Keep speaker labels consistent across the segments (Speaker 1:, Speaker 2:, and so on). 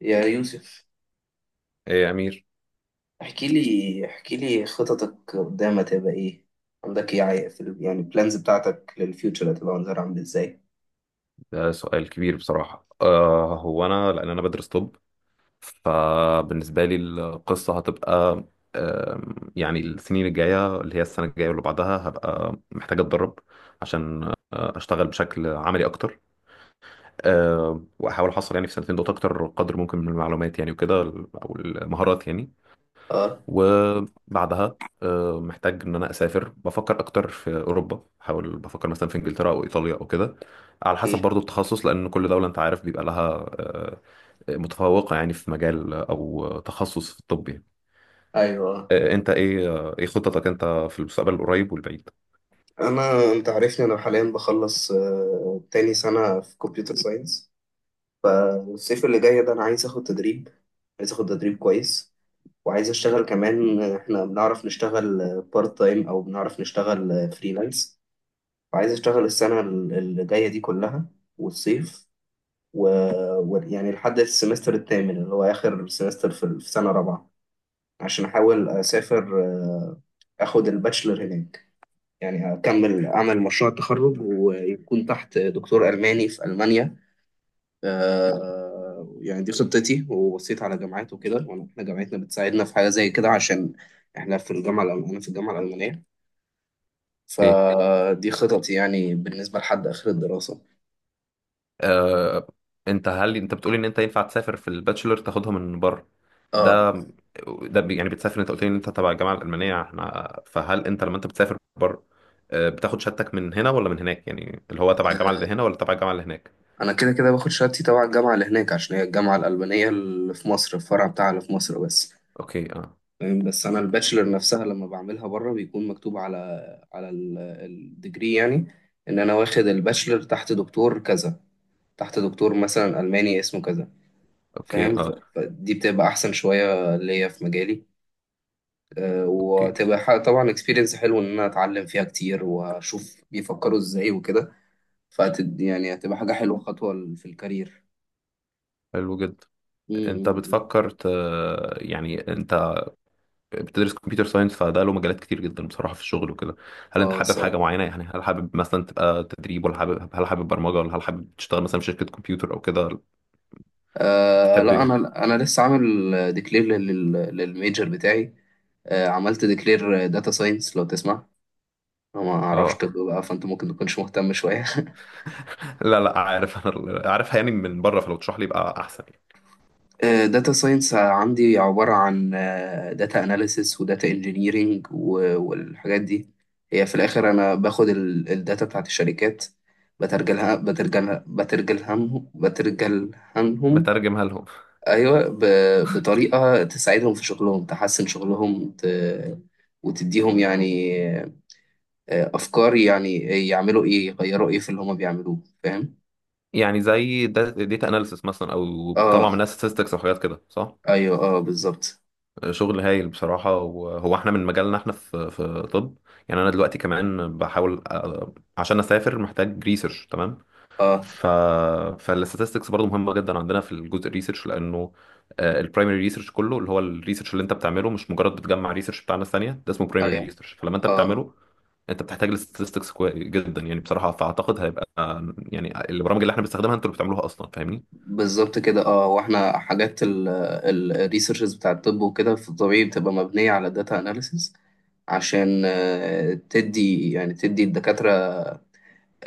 Speaker 1: يا يوسف.
Speaker 2: ايه يا امير.
Speaker 1: احكي لي خططك قدام، هتبقى ايه؟ عندك ايه، يعني البلانز بتاعتك للفيوتشر، هتبقى منظر عامل ازاي؟
Speaker 2: ده سؤال كبير بصراحه. هو انا لان انا بدرس طب، فبالنسبه لي القصه هتبقى، يعني السنين الجايه اللي هي السنه الجايه واللي بعدها هبقى محتاج اتدرب عشان اشتغل بشكل عملي اكتر. واحاول احصل يعني في سنتين دول اكتر قدر ممكن من المعلومات يعني، وكده، او المهارات يعني.
Speaker 1: اه،
Speaker 2: وبعدها محتاج ان انا اسافر، بفكر اكتر في اوروبا، بحاول بفكر مثلا في انجلترا او ايطاليا او كده، على حسب
Speaker 1: اوكي،
Speaker 2: برضو التخصص، لان كل دوله انت عارف بيبقى لها متفوقه يعني في مجال او تخصص في الطب يعني.
Speaker 1: ايوه.
Speaker 2: آه، انت ايه آه، ايه خططك انت في المستقبل القريب والبعيد؟
Speaker 1: انت عارفني، انا حاليا بخلص تاني سنة في كمبيوتر ساينس. فالصيف اللي جاي ده انا عايز اخد تدريب، عايز اخد تدريب كويس، وعايز اشتغل كمان. احنا بنعرف نشتغل بارت تايم او بنعرف نشتغل فريلانس، وعايز اشتغل السنة اللي جاية دي كلها، والصيف، و... يعني لحد السمستر الثامن اللي هو آخر سمستر في سنة رابعة، عشان أحاول أسافر، أخد الباتشلر هناك، يعني أكمل أعمل مشروع التخرج ويكون تحت دكتور ألماني في ألمانيا. يعني دي خطتي، وبصيت على جامعات وكده. إحنا جامعتنا بتساعدنا في حاجة زي كده، عشان إحنا في الجامعة الألمانية، أنا في الجامعة الألمانية.
Speaker 2: ايه.
Speaker 1: فدي خططي يعني بالنسبة لحد آخر الدراسة.
Speaker 2: آه، انت هل انت بتقول ان انت ينفع تسافر في الباتشلر تاخدها من بره؟
Speaker 1: اه.
Speaker 2: ده ده يعني بتسافر، انت قلت لي ان انت تبع الجامعه الالمانيه، احنا، فهل انت لما انت بتسافر بره بتاخد شهادتك من هنا ولا من هناك؟ يعني اللي هو تبع الجامعه اللي
Speaker 1: آه،
Speaker 2: هنا ولا تبع الجامعه اللي هناك؟
Speaker 1: انا كده كده باخد شهادتي تبع الجامعه اللي هناك، عشان هي الجامعه الالبانيه اللي في مصر، الفرع بتاعها اللي في مصر بس.
Speaker 2: اوكي، اه،
Speaker 1: فاهم؟ بس انا الباتشلر نفسها لما بعملها بره بيكون مكتوب على الديجري يعني، ان انا واخد الباتشلر تحت دكتور كذا، تحت دكتور مثلا الماني اسمه كذا.
Speaker 2: اوكي،
Speaker 1: فاهم؟
Speaker 2: اه،
Speaker 1: فدي بتبقى احسن شويه ليا في مجالي.
Speaker 2: اوكي،
Speaker 1: وتبقى طبعا اكسبيرينس حلو، ان انا اتعلم فيها كتير واشوف بيفكروا ازاي وكده. يعني هتبقى حاجه حلوه، خطوه في الكارير.
Speaker 2: حلو جدا. انت
Speaker 1: امم
Speaker 2: بتفكر ت... يعني انت بتدرس كمبيوتر ساينس، فده له مجالات كتير جدا بصراحة في الشغل وكده. هل انت
Speaker 1: اه،
Speaker 2: حابب حاجة
Speaker 1: الصراحه.
Speaker 2: معينة؟ يعني هل حابب مثلا تبقى تدريب؟ ولا هل حابب برمجة؟ ولا هل حابب تشتغل مثلا في شركة كمبيوتر او كده؟ انت تحب
Speaker 1: لا،
Speaker 2: ايه؟
Speaker 1: انا لسه عامل ديكلير للميجر بتاعي. عملت ديكلير داتا ساينس، لو تسمع. أنا ما اعرفش
Speaker 2: اه،
Speaker 1: طب بقى، فانت ممكن تكونش مهتم شويه.
Speaker 2: لا لا، عارف، انا عارفها يعني من بره، فلو تشرح لي يبقى احسن يعني.
Speaker 1: داتا ساينس عندي عبارة عن داتا اناليسيس وداتا انجينيرينج والحاجات دي. هي في الآخر أنا باخد الداتا بتاعت الشركات، بترجلها بترجلهم بترجلهنهم،
Speaker 2: بترجمها لهم.
Speaker 1: ايوه، بطريقه تساعدهم في شغلهم، تحسن شغلهم، وتديهم يعني افكار، يعني يعملوا ايه، يغيروا ايه في اللي هما بيعملوه. فاهم؟
Speaker 2: يعني زي داتا اناليسس مثلا، او بتطلع
Speaker 1: اه،
Speaker 2: منها statistics او حاجات كده، صح؟
Speaker 1: ايوه، اه، بالظبط.
Speaker 2: شغل هايل بصراحة. وهو احنا من مجالنا، احنا في طب. يعني انا دلوقتي كمان بحاول عشان اسافر، محتاج ريسيرش، تمام.
Speaker 1: اه،
Speaker 2: ف فالستاتستكس برضه مهمه جدا عندنا في الجزء الريسيرش، لانه البرايمري ريسيرش كله، اللي هو الريسيرش اللي انت بتعمله، مش مجرد بتجمع ريسيرش بتاع ناس ثانيه، ده اسمه برايمري
Speaker 1: ايوه،
Speaker 2: ريسيرش، فلما انت
Speaker 1: اه،
Speaker 2: بتعمله انت بتحتاج الستاتستكس جدا يعني بصراحه. فاعتقد هيبقى يعني البرامج اللي احنا بنستخدمها انتوا اللي بتعملوها اصلا، فاهمني؟
Speaker 1: بالظبط كده. اه، واحنا حاجات الريسيرشز بتاع الطب وكده في الطبيعي بتبقى مبنيه على داتا اناليسيس، عشان تدي يعني تدي الدكاتره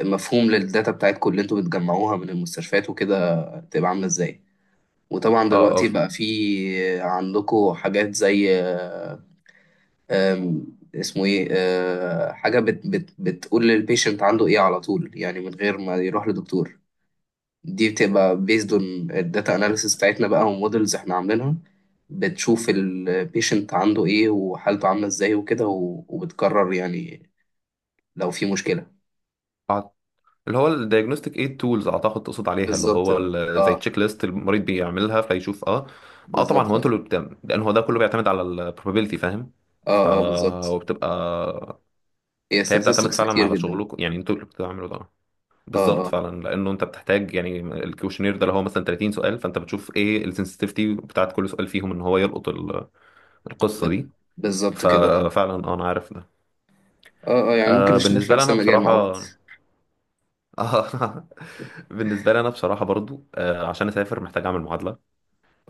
Speaker 1: مفهوم للداتا بتاعتكم اللي انتوا بتجمعوها من المستشفيات وكده، تبقى عامله ازاي. وطبعا
Speaker 2: اه،
Speaker 1: دلوقتي
Speaker 2: اه.
Speaker 1: بقى في عندكم حاجات زي، آه، آم، اسمه ايه، حاجة بت بتقول للبيشنت عنده ايه على طول، يعني من غير ما يروح لدكتور. دي بتبقى based on الداتا analysis بتاعتنا بقى، ومودلز احنا عاملينها، بتشوف البيشنت عنده ايه وحالته عاملة ازاي وكده، وبتقرر يعني لو في مشكلة.
Speaker 2: أع- اللي هو الدايجنوستيك ايد تولز، اعتقد تقصد عليها، اللي
Speaker 1: بالظبط،
Speaker 2: هو زي
Speaker 1: اه،
Speaker 2: تشيك ليست المريض بيعملها فيشوف. اه. اه طبعا
Speaker 1: بالظبط،
Speaker 2: هو انتوا
Speaker 1: اه،
Speaker 2: اللي لان هو ده كله بيعتمد على البروبابيلتي، فاهم؟ ف
Speaker 1: اه، بالظبط.
Speaker 2: وبتبقى
Speaker 1: هي
Speaker 2: فهي بتعتمد
Speaker 1: statistics
Speaker 2: فعلا
Speaker 1: كتير
Speaker 2: على
Speaker 1: جدا.
Speaker 2: شغلكم، يعني انتوا اللي بتعملوا ده.
Speaker 1: اه،
Speaker 2: بالظبط
Speaker 1: اه،
Speaker 2: فعلا، لانه انت بتحتاج يعني الكوشنير ده اللي هو مثلا 30 سؤال، فانت بتشوف ايه السنسitivity بتاعت كل سؤال فيهم، ان هو يلقط القصه
Speaker 1: ب-
Speaker 2: دي.
Speaker 1: بالظبط كده.
Speaker 2: ففعلا اه، انا عارف ده.
Speaker 1: اه، اه، يعني ممكن نشتغل في
Speaker 2: بالنسبه لي
Speaker 1: نفس
Speaker 2: انا
Speaker 1: المجال
Speaker 2: بصراحه
Speaker 1: مع بعض.
Speaker 2: بالنسبه لي انا بصراحه برضو عشان اسافر محتاج اعمل معادله.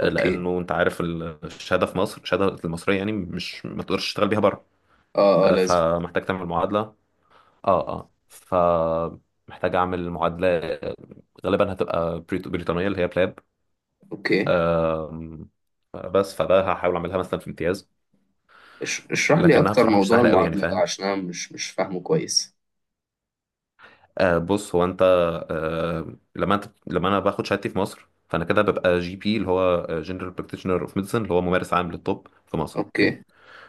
Speaker 1: اوكي،
Speaker 2: لانه انت عارف الشهاده في مصر، الشهاده المصريه، يعني مش، ما تقدرش تشتغل بيها بره.
Speaker 1: اه، اه، لازم.
Speaker 2: فمحتاج تعمل معادله. اه، اه، فمحتاج اعمل معادله، غالبا هتبقى بريطانيه، اللي هي بلاب.
Speaker 1: اوكي،
Speaker 2: آم، بس فده هحاول اعملها مثلا في امتياز،
Speaker 1: اشرح لي
Speaker 2: لكنها
Speaker 1: اكتر
Speaker 2: بصراحه مش
Speaker 1: موضوع
Speaker 2: سهله قوي يعني،
Speaker 1: المعادلة ده،
Speaker 2: فاهم؟
Speaker 1: عشان انا مش فاهمه كويس.
Speaker 2: بص، هو انت، لما انا باخد شهادتي في مصر، فانا كده ببقى جي بي، اللي هو جنرال براكتيشنر اوف ميديسن، اللي هو ممارس عام للطب في مصر، اوكي.
Speaker 1: اوكي،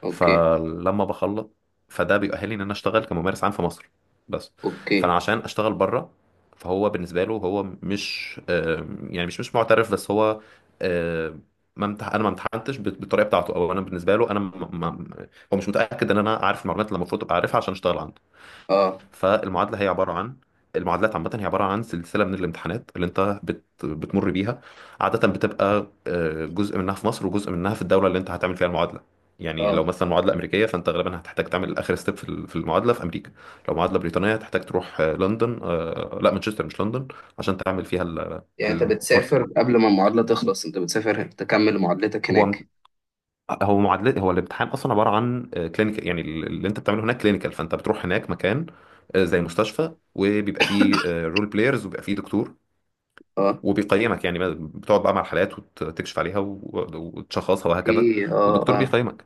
Speaker 1: اوكي،
Speaker 2: فلما بخلص فده بيؤهلني ان انا اشتغل كممارس عام في مصر بس.
Speaker 1: اوكي،
Speaker 2: فانا عشان اشتغل بره، فهو بالنسبه له هو مش، يعني مش معترف، بس هو آه، ما امتح... انا ما امتحنتش بالطريقه بتاعته، او انا بالنسبه له انا، ما... ما... هو مش متاكد ان انا عارف المعلومات اللي المفروض ابقى عارفها عشان اشتغل عنده.
Speaker 1: اه،
Speaker 2: فالمعادله هي عباره عن، المعادلات عامة هي عبارة عن سلسلة من الامتحانات اللي انت بتمر بيها. عادة بتبقى جزء منها في مصر وجزء منها في الدولة اللي انت هتعمل فيها المعادلة. يعني لو
Speaker 1: اه.
Speaker 2: مثلا معادلة أمريكية، فانت غالبا هتحتاج تعمل آخر ستيب في في المعادلة في أمريكا. لو معادلة بريطانية هتحتاج تروح لندن، لا، مانشستر مش لندن، عشان تعمل فيها.
Speaker 1: يعني انت
Speaker 2: البارت
Speaker 1: بتسافر
Speaker 2: 2.
Speaker 1: قبل ما المعادلة تخلص؟ انت بتسافر تكمل معادلتك
Speaker 2: هو
Speaker 1: هناك؟
Speaker 2: هو معادلة، هو الامتحان اصلا عباره عن كلينيكال، يعني اللي انت بتعمله هناك كلينيكال، فانت بتروح هناك مكان زي مستشفى، وبيبقى فيه رول بلايرز وبيبقى فيه دكتور
Speaker 1: اه،
Speaker 2: وبيقيمك، يعني بتقعد بقى مع الحالات وتكشف عليها وتشخصها وهكذا.
Speaker 1: ايه، اه،
Speaker 2: والدكتور
Speaker 1: اه،
Speaker 2: بيقيمك.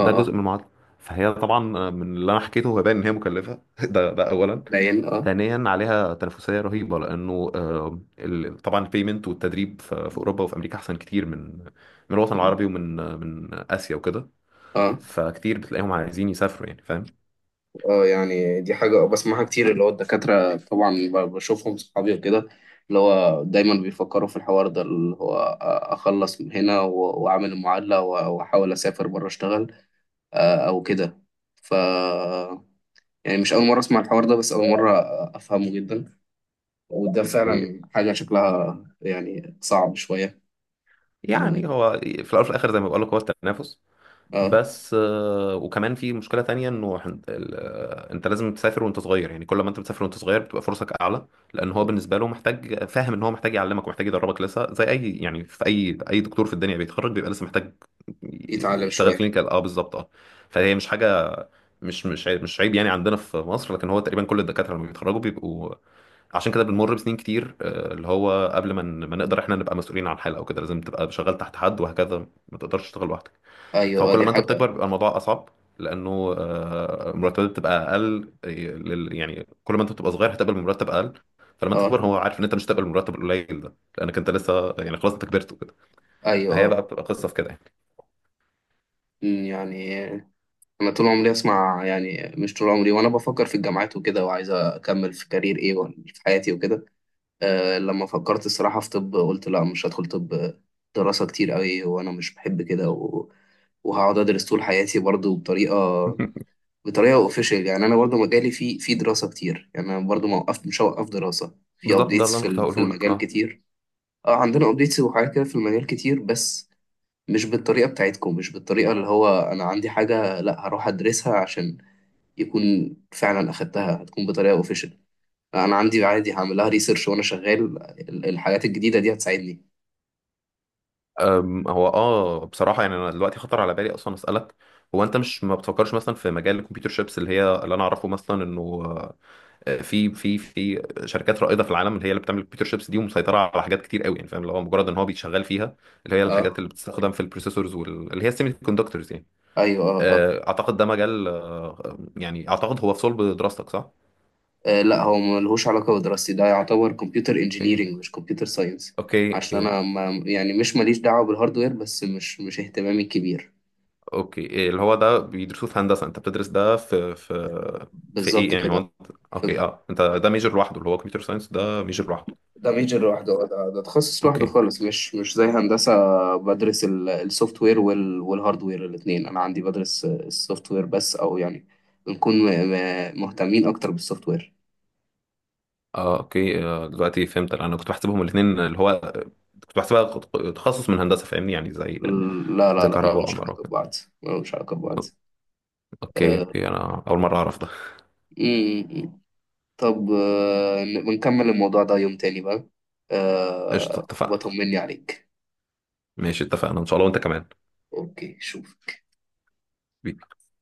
Speaker 2: ده
Speaker 1: اه.
Speaker 2: جزء من المعادله. فهي طبعا، من اللي انا حكيته هو باين ان هي مكلفه ده اولا.
Speaker 1: باين، اه،
Speaker 2: ثانيا، عليها تنافسيه رهيبه، لانه طبعا البيمنت والتدريب في اوروبا وفي امريكا احسن كتير من الوطن العربي، ومن آه، من اسيا وكده.
Speaker 1: اه،
Speaker 2: فكتير بتلاقيهم عايزين يسافروا يعني، فاهم؟
Speaker 1: اه. يعني دي حاجة بسمعها كتير، اللي هو الدكاترة طبعا، بشوفهم صحابي وكده، اللي هو دايما بيفكروا في الحوار ده، اللي هو أخلص من هنا وأعمل المعادلة وأحاول أسافر بره أشتغل، أو كده. ف يعني مش أول مرة أسمع الحوار ده، بس أول مرة أفهمه جدا. وده فعلا حاجة شكلها يعني صعب شوية. م-
Speaker 2: يعني هو في الاول وفي الاخر زي ما بقول لك، هو التنافس.
Speaker 1: اه.
Speaker 2: بس وكمان في مشكله تانية، انه هن- ال- آه، انت لازم تسافر وانت صغير، يعني كل ما انت بتسافر وانت صغير بتبقى فرصك اعلى، لان هو بالنسبه له محتاج، فاهم، ان هو محتاج يعلمك ومحتاج يدربك لسه، زي اي، يعني في اي دكتور في الدنيا بيتخرج بيبقى لسه محتاج
Speaker 1: يتعلم
Speaker 2: يشتغل
Speaker 1: شوية.
Speaker 2: كلينيكال. اه بالظبط، اه. فهي مش حاجه، مش عيب يعني عندنا في مصر، لكن هو تقريبا كل الدكاتره لما بيتخرجوا بيبقوا، عشان كده بنمر بسنين كتير اللي هو قبل ما ما نقدر احنا نبقى مسؤولين عن حالة او كده، لازم تبقى شغال تحت حد وهكذا، ما تقدرش تشتغل لوحدك.
Speaker 1: أيوه، اه،
Speaker 2: فكل
Speaker 1: دي
Speaker 2: ما انت
Speaker 1: حاجة.
Speaker 2: بتكبر بيبقى الموضوع اصعب، لانه مرتبات بتبقى اقل، يعني كل ما انت بتبقى صغير هتقبل مرتب اقل، فلما انت
Speaker 1: اه،
Speaker 2: تكبر هو عارف ان انت مش هتقبل المرتب القليل ده، لانك انت لسه يعني، خلاص، انت كبرت وكده.
Speaker 1: أيوه،
Speaker 2: فهي
Speaker 1: اه.
Speaker 2: بقى بتبقى قصة في كده يعني.
Speaker 1: يعني انا طول عمري اسمع، يعني مش طول عمري، وانا بفكر في الجامعات وكده، وعايز اكمل في كارير ايه، ولا في حياتي وكده. لما فكرت الصراحه في طب، قلت لا، مش هدخل طب، دراسه كتير قوي، وانا مش بحب كده، وهقعد ادرس طول حياتي برضو بطريقه، اوفيشال. يعني انا برضو مجالي في دراسه كتير، يعني انا برضو ما وقفت، مش هوقف دراسه في
Speaker 2: بالظبط، ده
Speaker 1: ابديتس
Speaker 2: اللي انا
Speaker 1: في
Speaker 2: كنت
Speaker 1: في
Speaker 2: هقوله لك،
Speaker 1: المجال
Speaker 2: اه.
Speaker 1: كتير. اه، عندنا ابديتس وحاجات كده في المجال كتير، بس مش بالطريقه بتاعتكم، مش بالطريقه اللي هو انا عندي حاجه لا هروح ادرسها عشان يكون فعلا اخدتها، هتكون بطريقه اوفيشال. انا عندي عادي هعملها ريسيرش وانا شغال. الحاجات الجديده دي هتساعدني.
Speaker 2: هو، اه، بصراحة يعني انا دلوقتي خطر على بالي اصلا اسألك، هو انت مش ما بتفكرش مثلا في مجال الكمبيوتر شيبس، اللي هي اللي انا اعرفه مثلا انه في في شركات رائدة في العالم اللي هي اللي بتعمل الكمبيوتر شيبس دي، ومسيطرة على حاجات كتير قوي، يعني فاهم، اللي هو مجرد ان هو بيتشغل فيها، اللي هي الحاجات
Speaker 1: اه،
Speaker 2: اللي بتستخدم في البروسيسورز واللي هي السيمي كوندكتورز يعني.
Speaker 1: ايوه، اه، اه.
Speaker 2: اعتقد ده مجال، يعني اعتقد هو في صلب دراستك، صح؟
Speaker 1: لا، هو ملهوش علاقه بدراستي، ده يعتبر كمبيوتر
Speaker 2: اوكي،
Speaker 1: انجينيرنج مش كمبيوتر ساينس.
Speaker 2: اوكي،
Speaker 1: عشان
Speaker 2: اوكي،
Speaker 1: انا ما يعني، مش ماليش دعوه بالهاردوير، بس مش اهتمامي الكبير.
Speaker 2: اوكي، إيه اللي هو ده بيدرسوه في هندسه؟ انت بتدرس ده في في ايه؟
Speaker 1: بالظبط
Speaker 2: يعني هو
Speaker 1: كده.
Speaker 2: انت، اوكي، اه، انت ده ميجر لوحده، اللي هو كمبيوتر ساينس ده ميجر لوحده.
Speaker 1: ده ميجر لوحده، ده تخصص لوحده
Speaker 2: اوكي،
Speaker 1: خالص، مش زي هندسة. بدرس السوفت وير والهارد وير الاثنين. أنا عندي بدرس السوفت وير بس، أو يعني بنكون مهتمين أكتر بالسوفت وير.
Speaker 2: اه، اوكي، دلوقتي فهمت، انا كنت بحسبهم الاثنين اللي هو، كنت بحسبها تخصص من هندسه، فاهمني؟ يعني زي
Speaker 1: لا، لا،
Speaker 2: زي
Speaker 1: لا،
Speaker 2: كهرباء
Speaker 1: ملهمش
Speaker 2: وعمارة.
Speaker 1: علاقة ببعض، ملهمش علاقة ببعض.
Speaker 2: اوكي،
Speaker 1: آه،
Speaker 2: اوكي، انا اول مره اعرف ده.
Speaker 1: م- م. طب، بنكمل الموضوع ده يوم تاني بقى.
Speaker 2: قشطه، اتفقنا.
Speaker 1: وبطمني عليك.
Speaker 2: ماشي، اتفقنا ان شاء الله، وانت كمان.
Speaker 1: أوكي، شوف.